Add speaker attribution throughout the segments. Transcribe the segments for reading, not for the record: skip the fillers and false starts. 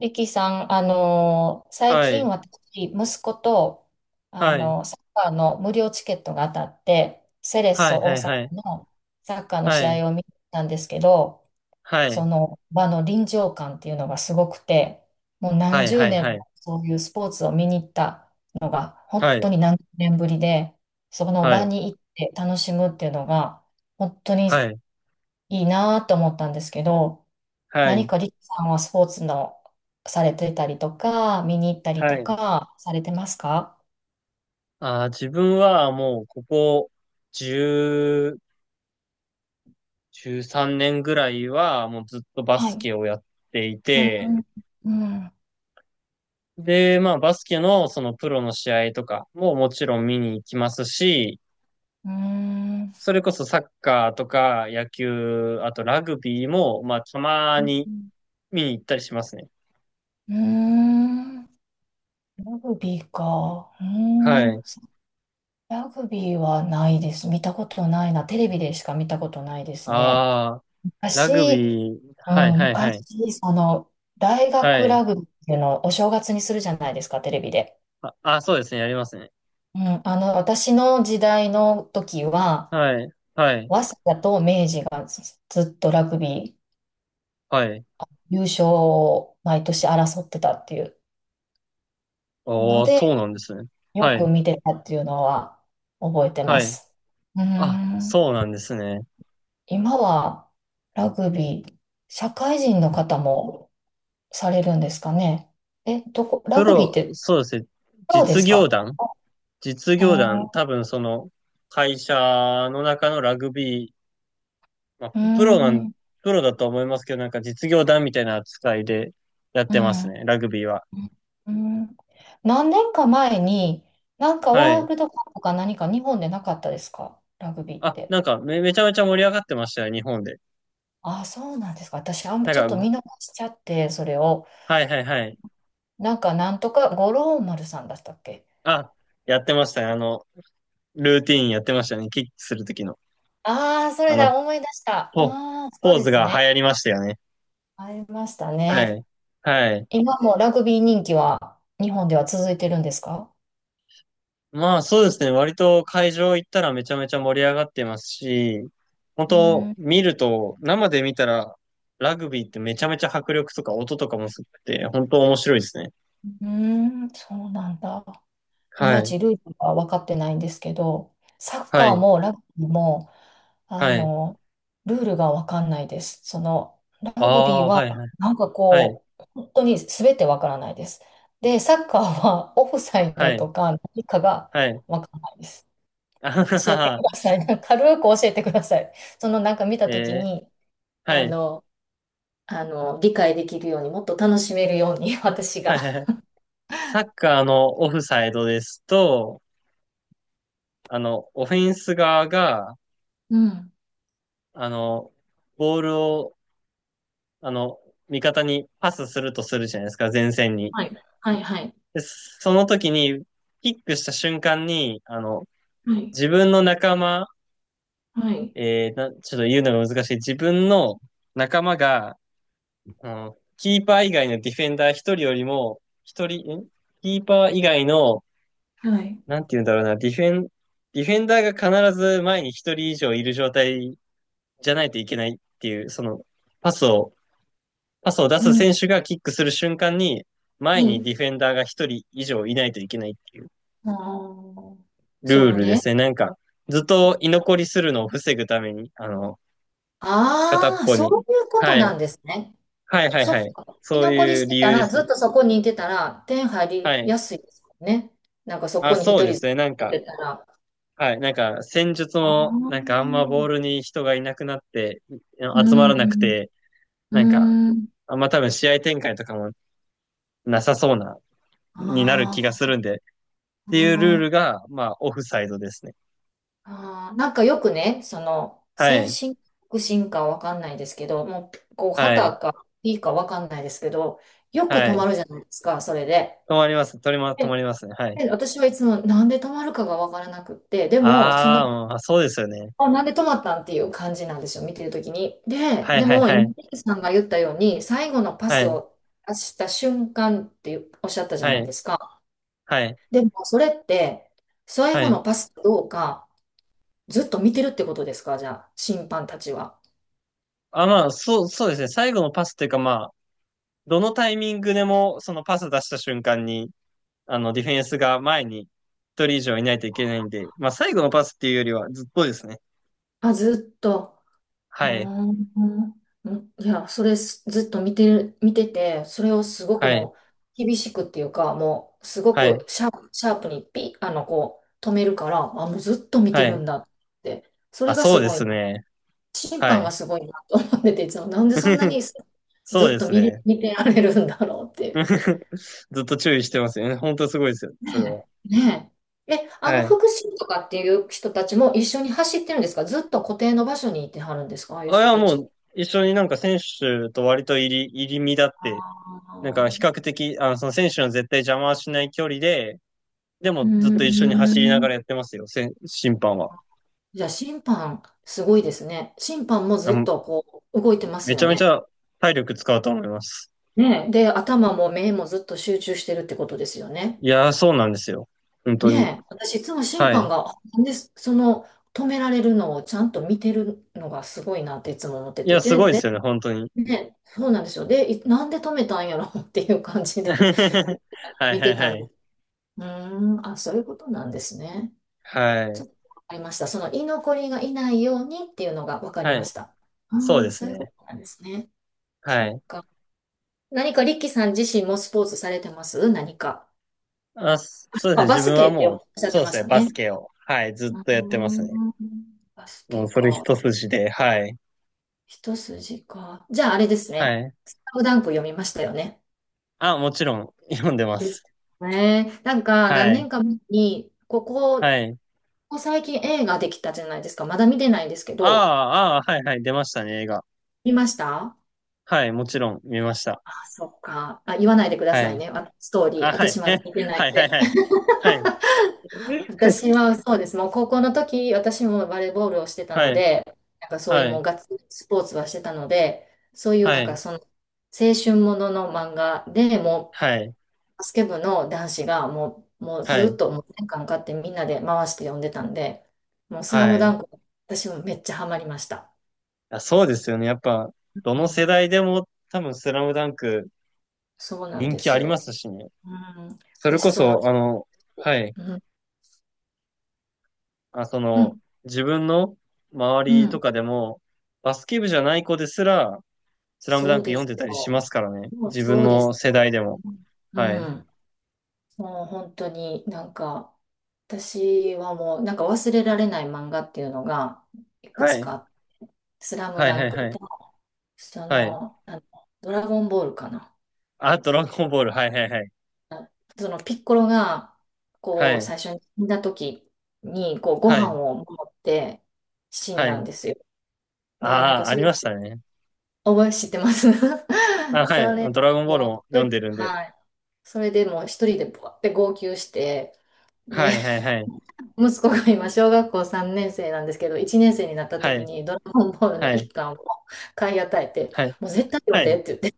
Speaker 1: リキさん、最
Speaker 2: は
Speaker 1: 近
Speaker 2: い、
Speaker 1: 私、息子と、
Speaker 2: はい、
Speaker 1: サッカーの無料チケットが当たって、セレッ
Speaker 2: は
Speaker 1: ソ
Speaker 2: い、は
Speaker 1: 大
Speaker 2: い、
Speaker 1: 阪
Speaker 2: はい、
Speaker 1: のサッカーの
Speaker 2: は
Speaker 1: 試
Speaker 2: い、
Speaker 1: 合を見に行ったんですけど、そ
Speaker 2: は
Speaker 1: の場の臨場感っていうのがすごくて、もう何
Speaker 2: い、
Speaker 1: 十
Speaker 2: はい、
Speaker 1: 年
Speaker 2: は
Speaker 1: も
Speaker 2: い、
Speaker 1: そういうスポーツを見に行ったのが、本
Speaker 2: は
Speaker 1: 当
Speaker 2: い、
Speaker 1: に何十年ぶりで、その
Speaker 2: は
Speaker 1: 場
Speaker 2: い、
Speaker 1: に行って楽しむっていうのが、本当に
Speaker 2: はい、はい、
Speaker 1: いいなと思ったんですけど、
Speaker 2: は
Speaker 1: 何
Speaker 2: い、
Speaker 1: かリキさんはスポーツのされてたりとか、見に行ったり
Speaker 2: は
Speaker 1: と
Speaker 2: い。
Speaker 1: かされてますか？
Speaker 2: 自分はもうここ10、13年ぐらいはもうずっとバ
Speaker 1: は
Speaker 2: ス
Speaker 1: い。
Speaker 2: ケをやってい
Speaker 1: う
Speaker 2: て、
Speaker 1: ん。うん。
Speaker 2: で、まあバスケのそのプロの試合とかももちろん見に行きますし、
Speaker 1: うん。
Speaker 2: それこそサッカーとか野球、あとラグビーもまあたま
Speaker 1: う
Speaker 2: に
Speaker 1: ん。
Speaker 2: 見に行ったりしますね。
Speaker 1: うん。ラグビーか。うー
Speaker 2: は
Speaker 1: ん。
Speaker 2: い。
Speaker 1: ラグビーはないです。見たことないな。テレビでしか見たことないですね。
Speaker 2: ああ、ラグ
Speaker 1: 昔、
Speaker 2: ビー、
Speaker 1: う
Speaker 2: はい
Speaker 1: ん、
Speaker 2: はいはい。
Speaker 1: 昔、その、大
Speaker 2: は
Speaker 1: 学
Speaker 2: い。
Speaker 1: ラグビーっていうのをお正月にするじゃないですか、テレビで。
Speaker 2: あ、あ、そうですね。やりますね。
Speaker 1: うん、あの、私の時代の時は、
Speaker 2: はい。はい。
Speaker 1: 早稲田と明治がずっとラグビー
Speaker 2: はい。
Speaker 1: 優勝を毎年争ってたっていうの
Speaker 2: おー、
Speaker 1: で、
Speaker 2: そうなんですね。
Speaker 1: よ
Speaker 2: は
Speaker 1: く
Speaker 2: い。
Speaker 1: 見てたっていうのは覚えてま
Speaker 2: はい。
Speaker 1: す。うー
Speaker 2: あ、
Speaker 1: ん。
Speaker 2: そうなんですね。
Speaker 1: 今はラグビー、社会人の方もされるんですかね。え、どこ、ラ
Speaker 2: プ
Speaker 1: グビーっ
Speaker 2: ロ、
Speaker 1: て
Speaker 2: そうですね。
Speaker 1: プロで
Speaker 2: 実
Speaker 1: す
Speaker 2: 業
Speaker 1: か？
Speaker 2: 団実業団、
Speaker 1: あ
Speaker 2: 多分その会社の中のラグビー、まあ、
Speaker 1: ー、うー
Speaker 2: プロなん、
Speaker 1: ん、
Speaker 2: プロだと思いますけど、なんか実業団みたいな扱いでやっ
Speaker 1: う
Speaker 2: てます
Speaker 1: ん、
Speaker 2: ね。ラグビーは。
Speaker 1: うん。何年か前に、なんか
Speaker 2: は
Speaker 1: ワー
Speaker 2: い。
Speaker 1: ルドカップか何か日本でなかったですか、ラグビーっ
Speaker 2: あ、
Speaker 1: て。
Speaker 2: なんかめちゃめちゃ盛り上がってましたよ、日本で。
Speaker 1: あ、そうなんですか。私、あんま
Speaker 2: な
Speaker 1: ちょっ
Speaker 2: ん
Speaker 1: と
Speaker 2: か、
Speaker 1: 見逃しちゃって、それを。
Speaker 2: はいはいはい。
Speaker 1: なんか、なんとか、五郎丸さんだったっけ？
Speaker 2: あ、やってましたね。ルーティーンやってましたね。キックするときの。
Speaker 1: ああー、そ
Speaker 2: あ
Speaker 1: れ
Speaker 2: の、
Speaker 1: だ、思い出した。あ
Speaker 2: ポ、
Speaker 1: あ、そう
Speaker 2: ポー
Speaker 1: で
Speaker 2: ズ
Speaker 1: す
Speaker 2: が流
Speaker 1: ね。
Speaker 2: 行りましたよね。
Speaker 1: ありました
Speaker 2: は
Speaker 1: ね。
Speaker 2: い。はい。
Speaker 1: 今もラグビー人気は日本では続いてるんですか？
Speaker 2: まあそうですね。割と会場行ったらめちゃめちゃ盛り上がってますし、本
Speaker 1: うーん、
Speaker 2: 当
Speaker 1: う
Speaker 2: 見ると、生で見たら、ラグビーってめちゃめちゃ迫力とか音とかもすごくて、本当面白いですね。
Speaker 1: ーん、そうなんだ。い
Speaker 2: は
Speaker 1: まい
Speaker 2: い。
Speaker 1: ちルールは分かってないんですけど、サッ
Speaker 2: は
Speaker 1: カー
Speaker 2: い。
Speaker 1: もラグビーも、あ
Speaker 2: はい。
Speaker 1: の、ルールが分かんないです。その、ラ
Speaker 2: あ
Speaker 1: グビー
Speaker 2: あ、
Speaker 1: は、
Speaker 2: はい。はい。
Speaker 1: なんか
Speaker 2: はい。
Speaker 1: こう、本当に全て分からないです。で、サッカーはオフサイ
Speaker 2: は
Speaker 1: ド
Speaker 2: い。
Speaker 1: とか何かが
Speaker 2: はい。
Speaker 1: 分からないです。
Speaker 2: あは
Speaker 1: 教
Speaker 2: は
Speaker 1: えてく
Speaker 2: は。
Speaker 1: ださい。軽く教えてください。そのなんか見たとき
Speaker 2: え
Speaker 1: に、
Speaker 2: ー、は
Speaker 1: あ
Speaker 2: い。
Speaker 1: の、理解できるように、もっと楽しめるように、私
Speaker 2: は
Speaker 1: が。
Speaker 2: い。はい。サッカーのオフサイドですと、オフェンス側が、
Speaker 1: うん。
Speaker 2: あの、ボールを、あの、味方にパスするとするじゃないですか、前線に。
Speaker 1: はい。はい。はい。
Speaker 2: で、その時に、キックした瞬間に、
Speaker 1: はい。
Speaker 2: 自分の仲間、
Speaker 1: はい。
Speaker 2: えーな、ちょっと言うのが難しい。自分の仲間が、キーパー以外のディフェンダー一人よりも、一人、キーパー以外の、
Speaker 1: はい。
Speaker 2: なんて言うんだろうな、ディフェンダーが必ず前に一人以上いる状態じゃないといけないっていう、パスを、パスを出
Speaker 1: う
Speaker 2: す
Speaker 1: ん。
Speaker 2: 選手がキックする瞬間に、前に
Speaker 1: に、
Speaker 2: ディフェンダーが一人以上いないといけないっていう
Speaker 1: あー、そ
Speaker 2: ルー
Speaker 1: の
Speaker 2: ルで
Speaker 1: ね、
Speaker 2: すね。なんか、ずっと居残りするのを防ぐために、片っ
Speaker 1: ああ、
Speaker 2: ぽ
Speaker 1: そ
Speaker 2: に。
Speaker 1: ういうこと
Speaker 2: は
Speaker 1: な
Speaker 2: い。
Speaker 1: んですね。
Speaker 2: はいはい
Speaker 1: そ
Speaker 2: は
Speaker 1: っ
Speaker 2: い。
Speaker 1: か。居
Speaker 2: そう
Speaker 1: 残り
Speaker 2: い
Speaker 1: し
Speaker 2: う
Speaker 1: て
Speaker 2: 理
Speaker 1: た
Speaker 2: 由で
Speaker 1: ら、
Speaker 2: す
Speaker 1: ず
Speaker 2: ね。
Speaker 1: っとそこにいてたら、点入
Speaker 2: は
Speaker 1: りや
Speaker 2: い。
Speaker 1: すいですよね。なんかそ
Speaker 2: あ、
Speaker 1: こに一
Speaker 2: そう
Speaker 1: 人
Speaker 2: で
Speaker 1: ず
Speaker 2: す
Speaker 1: っ
Speaker 2: ね。なん
Speaker 1: 立っ
Speaker 2: か、
Speaker 1: てたら。
Speaker 2: はい。なんか、戦術
Speaker 1: ああ、
Speaker 2: も、
Speaker 1: う
Speaker 2: なんかあんまボー
Speaker 1: ん、
Speaker 2: ルに人がいなくなって、
Speaker 1: う
Speaker 2: 集まらなく
Speaker 1: ん、
Speaker 2: て、
Speaker 1: う
Speaker 2: なんか、
Speaker 1: ん、
Speaker 2: あんま多分試合展開とかもなさそうな、になる気が
Speaker 1: あ
Speaker 2: するんで、っていうルール
Speaker 1: あ。
Speaker 2: が、まあ、オフサイドですね。
Speaker 1: ああ、なんかよくね、その、
Speaker 2: は
Speaker 1: 先
Speaker 2: い。
Speaker 1: 進か後進かわかんないですけど、もう、こう、
Speaker 2: はい。
Speaker 1: 旗か P かわかんないですけど、よく止
Speaker 2: は
Speaker 1: ま
Speaker 2: い。
Speaker 1: るじゃないですか、それで。
Speaker 2: 止まります。止ま
Speaker 1: で、
Speaker 2: りますね。はい。
Speaker 1: で私はいつもなんで止まるかがわからなくって、でも、そ
Speaker 2: ああ、
Speaker 1: の、
Speaker 2: うんあ、そうですよね。
Speaker 1: あ、なんで止まったんっていう感じなんですよ、見てるときに。で、
Speaker 2: はい
Speaker 1: で
Speaker 2: はい
Speaker 1: も、
Speaker 2: はい。
Speaker 1: 今、リキさんが言ったように、最後のパ
Speaker 2: は
Speaker 1: ス
Speaker 2: い。
Speaker 1: を出した瞬間っておっしゃったじゃ
Speaker 2: は
Speaker 1: ない
Speaker 2: い。
Speaker 1: ですか。
Speaker 2: はい。
Speaker 1: でも、それって、最
Speaker 2: は
Speaker 1: 後
Speaker 2: い。
Speaker 1: のパスかどうか、ずっと見てるってことですか、じゃあ、審判たちは。
Speaker 2: あ、まあ、そうですね。最後のパスっていうか、まあ、どのタイミングでも、そのパス出した瞬間に、ディフェンスが前に一人以上いないといけないんで、まあ、最後のパスっていうよりはずっとですね。
Speaker 1: あ、ずっと。うー
Speaker 2: はい。
Speaker 1: ん。うん、いや、それすずっと見てる、見てて、それをすごく
Speaker 2: はい。
Speaker 1: もう厳しくっていうか、もうすご
Speaker 2: はい。
Speaker 1: くシャープにピッ、あの、こう止めるから、あ、もうずっと見て
Speaker 2: は
Speaker 1: る
Speaker 2: い。
Speaker 1: んだって。それ
Speaker 2: あ、
Speaker 1: が
Speaker 2: そ
Speaker 1: す
Speaker 2: うで
Speaker 1: ごい
Speaker 2: す
Speaker 1: な。
Speaker 2: ね。
Speaker 1: 審
Speaker 2: は
Speaker 1: 判が
Speaker 2: い。
Speaker 1: すごいなと思ってて、いつもなんでそんなに ず
Speaker 2: そう
Speaker 1: っ
Speaker 2: で
Speaker 1: と
Speaker 2: す
Speaker 1: 見れ、
Speaker 2: ね。
Speaker 1: 見てられるんだろうっていう。
Speaker 2: ずっと注意してますよね。本当すごいですよねそれ
Speaker 1: ね
Speaker 2: は。
Speaker 1: え。ねえ。え、あ
Speaker 2: は
Speaker 1: の、
Speaker 2: い。
Speaker 1: 福祉とかっていう人たちも一緒に走ってるんですか？ずっと固定の場所にいてはるんですか？ああいう
Speaker 2: あ、い
Speaker 1: 人
Speaker 2: や、
Speaker 1: た
Speaker 2: も
Speaker 1: ち、
Speaker 2: う、一緒になんか選手と割と入り身だっ
Speaker 1: あ
Speaker 2: て、なんか
Speaker 1: ー、
Speaker 2: 比較的、その選手の絶対邪魔はしない距離で、で
Speaker 1: う
Speaker 2: もずっと一
Speaker 1: ー
Speaker 2: 緒に走りなが
Speaker 1: ん。
Speaker 2: らやってますよ、審判は。
Speaker 1: じゃあ審判、すごいですね。審判も
Speaker 2: あ
Speaker 1: ずっ
Speaker 2: の、
Speaker 1: とこう動いてます
Speaker 2: めち
Speaker 1: よ
Speaker 2: ゃめち
Speaker 1: ね。
Speaker 2: ゃ体力使うと思います。
Speaker 1: ねえ。で、頭も目もずっと集中してるってことですよね。
Speaker 2: いやー、そうなんですよ。本当に。
Speaker 1: ねえ。私いつも審
Speaker 2: は
Speaker 1: 判
Speaker 2: い。
Speaker 1: が、なんで、その止められるのをちゃんと見てるのがすごいなっていつも思って
Speaker 2: い
Speaker 1: て。
Speaker 2: や、す
Speaker 1: で、
Speaker 2: ごいで
Speaker 1: で、
Speaker 2: すよね、本当に。
Speaker 1: ねえ、そうなんですよ。で、いなんで止めたんやろ っていう感じで
Speaker 2: は いはい
Speaker 1: 見て
Speaker 2: は
Speaker 1: たんで
Speaker 2: い。
Speaker 1: す。うーん、あ、そういうことなんですね。
Speaker 2: は
Speaker 1: ちょ
Speaker 2: い。
Speaker 1: っとわかりました。その居残りがいないようにっていうのがわかり
Speaker 2: は
Speaker 1: ま
Speaker 2: い。
Speaker 1: した。
Speaker 2: そう
Speaker 1: あ
Speaker 2: で
Speaker 1: あ、
Speaker 2: す
Speaker 1: そういうこ
Speaker 2: ね。
Speaker 1: となんですね。そ
Speaker 2: は
Speaker 1: っ
Speaker 2: い。
Speaker 1: か。何かリッキーさん自身もスポーツされてます、何か。
Speaker 2: あ、そうですね。
Speaker 1: あ、バ
Speaker 2: 自
Speaker 1: ス
Speaker 2: 分は
Speaker 1: ケって
Speaker 2: も
Speaker 1: おっ
Speaker 2: う、
Speaker 1: しゃっ
Speaker 2: そ
Speaker 1: て
Speaker 2: うで
Speaker 1: ま
Speaker 2: す
Speaker 1: し
Speaker 2: ね。
Speaker 1: た
Speaker 2: バス
Speaker 1: ね。
Speaker 2: ケを、はい、ず
Speaker 1: う
Speaker 2: っ
Speaker 1: ー
Speaker 2: とやってますね。
Speaker 1: ん、バス
Speaker 2: も
Speaker 1: ケ
Speaker 2: うそれ
Speaker 1: か。
Speaker 2: 一筋で、はい。
Speaker 1: 一筋か。じゃああれです
Speaker 2: は
Speaker 1: ね。
Speaker 2: い。
Speaker 1: スラムダンク読みましたよね。
Speaker 2: あ、もちろん、読んでま
Speaker 1: です
Speaker 2: す。
Speaker 1: ね。なんか何
Speaker 2: はい。
Speaker 1: 年か前に、ここ、
Speaker 2: は
Speaker 1: こ
Speaker 2: い。
Speaker 1: こ最近映画できたじゃないですか。まだ見てないんですけ
Speaker 2: あ
Speaker 1: ど、
Speaker 2: あ、ああ、はい、はい、出ましたね、映画。
Speaker 1: 見ました？
Speaker 2: はい、もちろん、見ました。
Speaker 1: そっか。あ、言わないでくだ
Speaker 2: は
Speaker 1: さい
Speaker 2: い。
Speaker 1: ね。あ、ストーリ
Speaker 2: あ、
Speaker 1: ー。
Speaker 2: は
Speaker 1: 私
Speaker 2: い。
Speaker 1: まだ見て な
Speaker 2: は
Speaker 1: い
Speaker 2: い、
Speaker 1: ん
Speaker 2: はい、は
Speaker 1: で。
Speaker 2: い。はい。
Speaker 1: 私はそうです。もう高校の時、私もバレーボールをしてた
Speaker 2: は
Speaker 1: の
Speaker 2: い、
Speaker 1: で、なんかそういう
Speaker 2: は
Speaker 1: もう
Speaker 2: い、
Speaker 1: ガッツリスポーツはしてたので、そういう
Speaker 2: は
Speaker 1: なんか
Speaker 2: い、
Speaker 1: その青春ものの漫画でも
Speaker 2: はい、
Speaker 1: うバスケ部の男子がもう、もう
Speaker 2: は
Speaker 1: ずっ
Speaker 2: い、
Speaker 1: ともう年間かってみんなで回して読んでたんで、もうスラム
Speaker 2: は
Speaker 1: ダ
Speaker 2: い。
Speaker 1: ンク、私もめっちゃハマりました。
Speaker 2: あ、そうですよね。やっぱ、ど
Speaker 1: う
Speaker 2: の
Speaker 1: ん、
Speaker 2: 世代でも多分スラムダンク
Speaker 1: そうなん
Speaker 2: 人
Speaker 1: で
Speaker 2: 気
Speaker 1: す
Speaker 2: ありま
Speaker 1: よ。
Speaker 2: すしね。
Speaker 1: うん、
Speaker 2: それ
Speaker 1: 私
Speaker 2: こ
Speaker 1: その、
Speaker 2: そ、はい。
Speaker 1: うん、
Speaker 2: あ、
Speaker 1: うん、
Speaker 2: 自分の周
Speaker 1: う
Speaker 2: りと
Speaker 1: ん。
Speaker 2: かでも、バスケ部じゃない子ですら、スラムダ
Speaker 1: そ
Speaker 2: ン
Speaker 1: う
Speaker 2: ク
Speaker 1: で
Speaker 2: 読ん
Speaker 1: す
Speaker 2: でたりします
Speaker 1: よ。
Speaker 2: からね。
Speaker 1: もう
Speaker 2: 自分
Speaker 1: そうで
Speaker 2: の
Speaker 1: す
Speaker 2: 世
Speaker 1: よ。
Speaker 2: 代でも。
Speaker 1: う
Speaker 2: はい。
Speaker 1: ん。もう本当になんか、私はもうなんか忘れられない漫画っていうのが、いく
Speaker 2: は
Speaker 1: つ
Speaker 2: い。
Speaker 1: か、スラム
Speaker 2: はい、
Speaker 1: ダ
Speaker 2: は
Speaker 1: ン
Speaker 2: い、
Speaker 1: ク
Speaker 2: は
Speaker 1: と、
Speaker 2: い。
Speaker 1: そ
Speaker 2: はい。
Speaker 1: の、あの、ドラゴンボールかな。
Speaker 2: あ、ドラゴンボール。はい、はい、はい。
Speaker 1: そのピッコロが、
Speaker 2: は
Speaker 1: こう、
Speaker 2: い。
Speaker 1: 最初に死んだ時に、こう、ご
Speaker 2: は
Speaker 1: 飯
Speaker 2: い。
Speaker 1: を持って死ん
Speaker 2: は
Speaker 1: だん
Speaker 2: い。
Speaker 1: ですよ。で、なん
Speaker 2: あ
Speaker 1: か
Speaker 2: あ、あ
Speaker 1: そ
Speaker 2: り
Speaker 1: れ
Speaker 2: ましたね。
Speaker 1: 覚え知ってます？
Speaker 2: あ、はい。
Speaker 1: それ、
Speaker 2: ドラゴンボール
Speaker 1: も
Speaker 2: も
Speaker 1: う、
Speaker 2: 読ん
Speaker 1: と
Speaker 2: でるんで。
Speaker 1: はい。それでもう一人でぼわって号泣して、で、
Speaker 2: はい、はい、はい。
Speaker 1: 息子が今、小学校3年生なんですけど、1年生になった
Speaker 2: は
Speaker 1: 時
Speaker 2: い、
Speaker 1: にドラゴンボールの
Speaker 2: は
Speaker 1: 一
Speaker 2: い、
Speaker 1: 巻を買い与えて、
Speaker 2: はい、
Speaker 1: もう絶対読
Speaker 2: は
Speaker 1: んで
Speaker 2: い。
Speaker 1: って言って、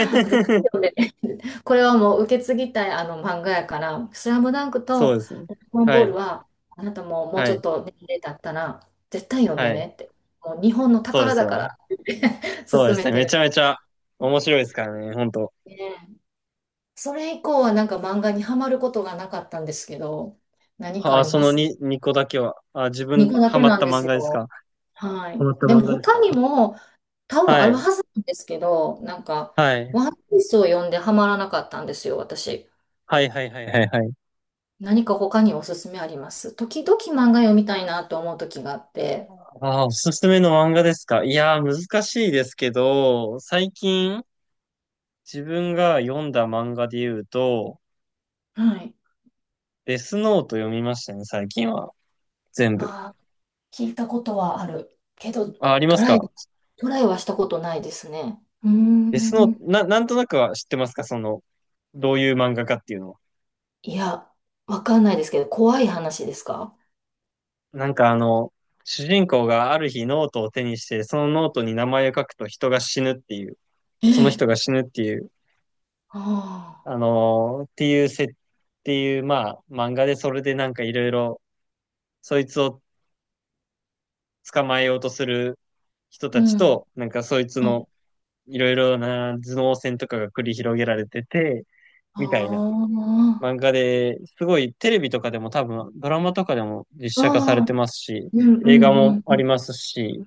Speaker 1: 絶対 読んでねって、これはもう受け継ぎたいあの漫画やから、スラムダンク
Speaker 2: そう
Speaker 1: と
Speaker 2: ですね。
Speaker 1: ドラゴン
Speaker 2: は
Speaker 1: ボール
Speaker 2: い、
Speaker 1: は、あなたももう
Speaker 2: は
Speaker 1: ちょっ
Speaker 2: い、
Speaker 1: と年齢経ったら、絶対読んで
Speaker 2: はい。
Speaker 1: ねって、もう日本の
Speaker 2: そうで
Speaker 1: 宝
Speaker 2: す
Speaker 1: だか
Speaker 2: よ。
Speaker 1: らって言って
Speaker 2: そう
Speaker 1: 勧
Speaker 2: で
Speaker 1: め
Speaker 2: すね。
Speaker 1: て
Speaker 2: め
Speaker 1: る。
Speaker 2: ちゃめちゃ面白いですからね、本当。
Speaker 1: ね、それ以降はなんか漫画にはまることがなかったんですけど、何か
Speaker 2: は
Speaker 1: あ
Speaker 2: あ、
Speaker 1: り
Speaker 2: そ
Speaker 1: ま
Speaker 2: の
Speaker 1: す？
Speaker 2: 2個だけは。あ、自
Speaker 1: 2
Speaker 2: 分、
Speaker 1: 個だ
Speaker 2: ハ
Speaker 1: け
Speaker 2: マっ
Speaker 1: なん
Speaker 2: た
Speaker 1: で
Speaker 2: 漫
Speaker 1: す
Speaker 2: 画ですか？
Speaker 1: よ。は
Speaker 2: ハ
Speaker 1: い。
Speaker 2: マった
Speaker 1: でも
Speaker 2: 漫画です
Speaker 1: 他に
Speaker 2: か？
Speaker 1: も多分
Speaker 2: は
Speaker 1: ある
Speaker 2: い。
Speaker 1: はずなんですけど、なんか、
Speaker 2: はい。
Speaker 1: ワンピースを読んではまらなかったんですよ、私。
Speaker 2: はいはいはいはいはい。
Speaker 1: 何か他におすすめあります？時々漫画読みたいなと思う時があって。
Speaker 2: ああ、おすすめの漫画ですか？いやー、難しいですけど、最
Speaker 1: うん、
Speaker 2: 近、自分が読んだ漫画で言うと、
Speaker 1: はい。
Speaker 2: デスノート読みましたね、最近は。全部。
Speaker 1: あー、聞いたことはあるけど、
Speaker 2: あ、ありま
Speaker 1: ト
Speaker 2: す
Speaker 1: ライ、
Speaker 2: か？
Speaker 1: トライはしたことないですね。うー
Speaker 2: デスノート、
Speaker 1: ん。
Speaker 2: なんとなくは知ってますか？その、どういう漫画かっていうのは。
Speaker 1: いや、わかんないですけど、怖い話ですか？
Speaker 2: なんか主人公がある日ノートを手にして、そのノートに名前を書くと人が死ぬっていう。
Speaker 1: え
Speaker 2: その人
Speaker 1: え、
Speaker 2: が死ぬっていう、あ
Speaker 1: あ
Speaker 2: のーっていうせ、っていう、まあ、漫画でそれでなんかいろいろ、そいつを捕まえようとする人
Speaker 1: あ、う
Speaker 2: たち
Speaker 1: ん、
Speaker 2: と、なんかそいつ
Speaker 1: は
Speaker 2: の
Speaker 1: い。
Speaker 2: いろいろな頭脳戦とかが繰り広げられてて、
Speaker 1: あ
Speaker 2: みたいな
Speaker 1: あ、
Speaker 2: 漫画で、すごいテレビとかでも多分、ドラマとかでも実
Speaker 1: あ
Speaker 2: 写化されて
Speaker 1: あ、
Speaker 2: ますし、
Speaker 1: うんうん
Speaker 2: 映画
Speaker 1: う
Speaker 2: も
Speaker 1: んう
Speaker 2: あり
Speaker 1: ん。
Speaker 2: ますし、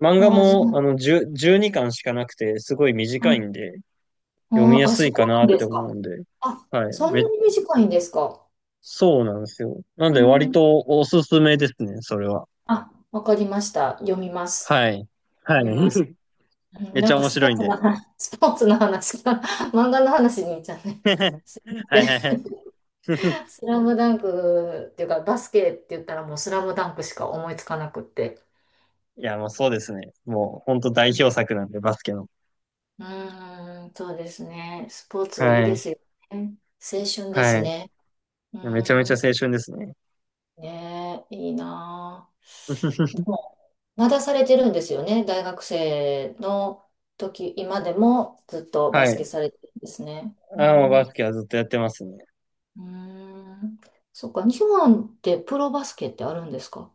Speaker 2: 漫画
Speaker 1: ああ、じゃ
Speaker 2: も10 12巻しかなくて、すごい
Speaker 1: あ、
Speaker 2: 短
Speaker 1: は
Speaker 2: いん
Speaker 1: い、
Speaker 2: で、読み
Speaker 1: あ
Speaker 2: や
Speaker 1: あ、あ、
Speaker 2: す
Speaker 1: そう
Speaker 2: いかな
Speaker 1: な
Speaker 2: っ
Speaker 1: んで
Speaker 2: て
Speaker 1: すか。
Speaker 2: 思うんで、
Speaker 1: あ、
Speaker 2: はい。
Speaker 1: そんなに短いんですか。
Speaker 2: そうなんですよ。なん
Speaker 1: う
Speaker 2: で割
Speaker 1: ん。
Speaker 2: とおすすめですね、それは。
Speaker 1: あ、わかりました。読みます。
Speaker 2: はい。はい。
Speaker 1: 読みます。う ん、
Speaker 2: めっち
Speaker 1: なん
Speaker 2: ゃ
Speaker 1: か
Speaker 2: 面
Speaker 1: スポ
Speaker 2: 白い
Speaker 1: ー
Speaker 2: ん
Speaker 1: ツの
Speaker 2: で。
Speaker 1: 話、スポーツの話から 漫画の話にいっちゃう ね。
Speaker 2: は
Speaker 1: すいま
Speaker 2: いはいは
Speaker 1: せん。
Speaker 2: い。
Speaker 1: スラムダンクっていうか、バスケって言ったらもうスラムダンクしか思いつかなくって。
Speaker 2: いや、もうそうですね。もう本当代表作なんで、バスケの。
Speaker 1: うーん、そうですね。スポーツいい
Speaker 2: は
Speaker 1: で
Speaker 2: い。
Speaker 1: すよね。青春で
Speaker 2: は
Speaker 1: す
Speaker 2: い。い
Speaker 1: ね。うー
Speaker 2: やめちゃめちゃ
Speaker 1: ん、
Speaker 2: 青春ですね。
Speaker 1: ねえ、いいなあ。で も、まだされてるんですよね。大学生の時、今でもずっと
Speaker 2: は
Speaker 1: バス
Speaker 2: い。
Speaker 1: ケされてるんですね。う
Speaker 2: あ、もうバ
Speaker 1: ん、
Speaker 2: スケはずっとやってますね。
Speaker 1: うーん。そっか、日本ってプロバスケってあるんですか？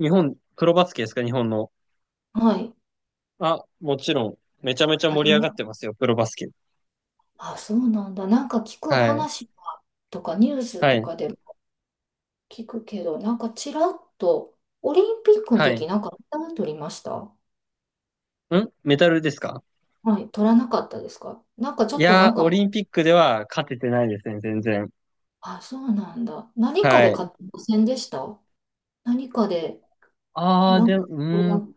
Speaker 2: 日本、プロバスケですか、日本の？
Speaker 1: はい。
Speaker 2: あ、もちろん。めちゃめちゃ
Speaker 1: あれ
Speaker 2: 盛り上がっ
Speaker 1: も、
Speaker 2: てますよ、プロバスケ。
Speaker 1: あ、そうなんだ。なんか聞く
Speaker 2: はい。
Speaker 1: 話とかニュース
Speaker 2: は
Speaker 1: と
Speaker 2: い。
Speaker 1: かで聞くけど、なんかちらっと、オリンピックの
Speaker 2: はい。
Speaker 1: 時なんかメダル取りました？
Speaker 2: メダルですか？
Speaker 1: はい、取らなかったですか？なんかちょ
Speaker 2: い
Speaker 1: っとな
Speaker 2: やー、
Speaker 1: んか
Speaker 2: オ
Speaker 1: も
Speaker 2: リ
Speaker 1: う、
Speaker 2: ンピックでは勝ててないですね、全然。
Speaker 1: あ、そうなんだ。何か
Speaker 2: は
Speaker 1: で
Speaker 2: い。
Speaker 1: 勝ってませんでした？何かで、
Speaker 2: ああ、
Speaker 1: なん
Speaker 2: で
Speaker 1: か、
Speaker 2: も、う
Speaker 1: あれ
Speaker 2: ーん。
Speaker 1: が、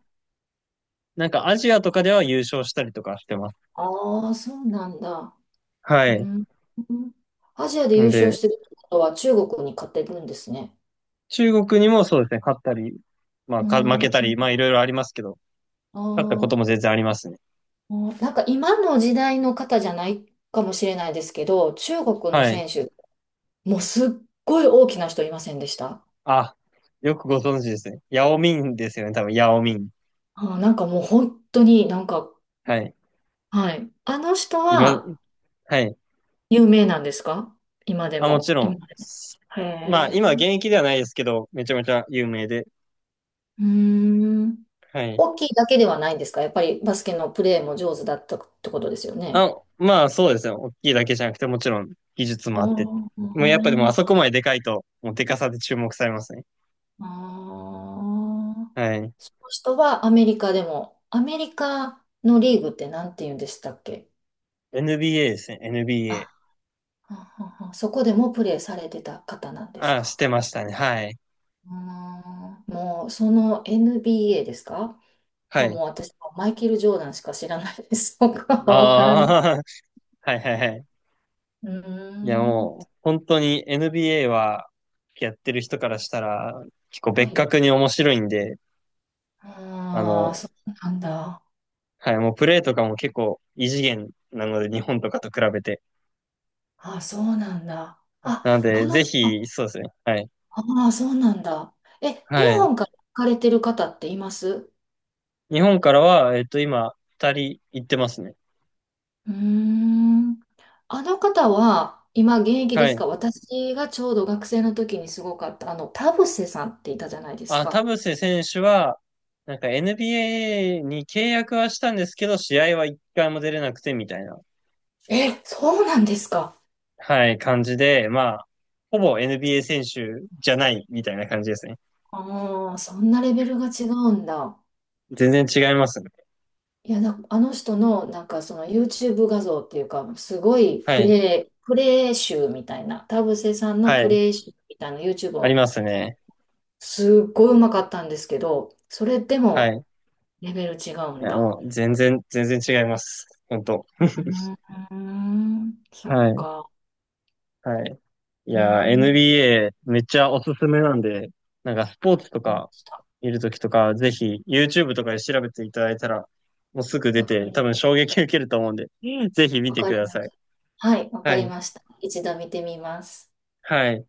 Speaker 2: なんかアジアとかでは優勝したりとかしてます。
Speaker 1: ああ、そうなんだ。
Speaker 2: は
Speaker 1: う
Speaker 2: い。
Speaker 1: ん。アジアで優
Speaker 2: ん
Speaker 1: 勝
Speaker 2: で、
Speaker 1: してるってことは中国に勝ってるんですね。
Speaker 2: 中国にもそうですね、勝ったり、まあ、
Speaker 1: う
Speaker 2: 負けた
Speaker 1: ん。
Speaker 2: り、まあ、いろいろありますけど、
Speaker 1: あ
Speaker 2: 勝ったことも
Speaker 1: あ、
Speaker 2: 全然ありますね。
Speaker 1: なんか今の時代の方じゃないかもしれないですけど、中国の
Speaker 2: はい。
Speaker 1: 選手、もうすっごい大きな人いませんでした？
Speaker 2: あ、よくご存知ですね。ヤオミンですよね、多分、ヤオミン。
Speaker 1: あー、なんかもう本当になんか、
Speaker 2: はい。
Speaker 1: はい。あの人
Speaker 2: 今、
Speaker 1: は
Speaker 2: はい。
Speaker 1: 有名なんですか？今で
Speaker 2: あ、もち
Speaker 1: も。
Speaker 2: ろ
Speaker 1: 今
Speaker 2: ん。
Speaker 1: でも。へ
Speaker 2: まあ、
Speaker 1: え。
Speaker 2: 今現役ではないですけど、めちゃめちゃ有名で。
Speaker 1: うーん。
Speaker 2: はい。
Speaker 1: 大きいだけではないんですか？やっぱりバスケのプレーも上手だったってことですよね。
Speaker 2: あ、まあそうですね。大きいだけじゃなくて、もちろん技術
Speaker 1: あ
Speaker 2: もあって。もうやっぱでもあ
Speaker 1: ー、
Speaker 2: そこまででかいと、もうでかさで注目されますね。
Speaker 1: あー。
Speaker 2: はい。
Speaker 1: その人はアメリカでも、アメリカのリーグって何て言うんでしたっけ？
Speaker 2: NBA ですね。
Speaker 1: あ、
Speaker 2: NBA。
Speaker 1: ははは、そこでもプレーされてた方なんです
Speaker 2: あ、し
Speaker 1: か？
Speaker 2: てましたね。はい。
Speaker 1: うーん、もうその NBA ですか？
Speaker 2: は
Speaker 1: まあもう
Speaker 2: い。
Speaker 1: 私はマイケル・ジョーダンしか知らないです。僕はわからない。
Speaker 2: ああ、はいはいはい。
Speaker 1: うー
Speaker 2: いや
Speaker 1: ん。
Speaker 2: もう、本当に NBA は、やってる人からしたら、結構
Speaker 1: は
Speaker 2: 別
Speaker 1: い。
Speaker 2: 格に面白いんで、あ
Speaker 1: ああ、
Speaker 2: の、
Speaker 1: そうなんだ。
Speaker 2: はい、もうプレーとかも結構異次元なので、日本とかと比べて。
Speaker 1: あ、そうなんだ。
Speaker 2: はいなの
Speaker 1: あ、あ
Speaker 2: で、
Speaker 1: の、
Speaker 2: ぜ
Speaker 1: あ、
Speaker 2: ひ、そうですね。はい。
Speaker 1: あー、そうなんだ。え、日
Speaker 2: はい。
Speaker 1: 本から行かれてる方っています？
Speaker 2: 日本からは、今、二人行ってますね。
Speaker 1: うーん。あの方は今現役で
Speaker 2: は
Speaker 1: す
Speaker 2: い。
Speaker 1: か？私がちょうど学生の時にすごかった、あの、田臥さんっていたじゃないです
Speaker 2: あ、田
Speaker 1: か。
Speaker 2: 臥選手は、なんか NBA に契約はしたんですけど、試合は一回も出れなくてみたいな、
Speaker 1: え、そうなんですか。
Speaker 2: はい、感じで、まあ、ほぼ NBA 選手じゃないみたいな感じですね。
Speaker 1: ああ、そんなレベルが違うんだ。
Speaker 2: 全然違いますね。
Speaker 1: いや、な、あの人のなんかその YouTube 画像っていうか、すごい
Speaker 2: は
Speaker 1: プ
Speaker 2: い、
Speaker 1: レイ、プレイ集みたいな、田臥さんの
Speaker 2: は
Speaker 1: プ
Speaker 2: い、
Speaker 1: レイ集みたいな YouTube
Speaker 2: あり
Speaker 1: を、
Speaker 2: ますね。
Speaker 1: すっごいうまかったんですけど、それで
Speaker 2: は
Speaker 1: も
Speaker 2: い。
Speaker 1: レベル違う
Speaker 2: い
Speaker 1: ん
Speaker 2: や、
Speaker 1: だ。
Speaker 2: もう、全然、全然違います。本当。
Speaker 1: うーん、そ
Speaker 2: は
Speaker 1: っ
Speaker 2: い、
Speaker 1: か。
Speaker 2: はい。い
Speaker 1: うー
Speaker 2: やー、
Speaker 1: ん、
Speaker 2: NBA めっちゃおすすめなんで、なんかスポー
Speaker 1: わか
Speaker 2: ツと
Speaker 1: りま
Speaker 2: か
Speaker 1: した。
Speaker 2: 見るときとか、ぜひ YouTube とかで調べていただいたら、もうすぐ出
Speaker 1: わか
Speaker 2: て、多
Speaker 1: り、
Speaker 2: 分衝撃受けると思うんで、ぜひ見
Speaker 1: わ
Speaker 2: て
Speaker 1: か
Speaker 2: く
Speaker 1: り
Speaker 2: だ
Speaker 1: ま
Speaker 2: さい。
Speaker 1: す。はい、わ
Speaker 2: は
Speaker 1: かり
Speaker 2: い。
Speaker 1: ました。一度見てみます。
Speaker 2: はい。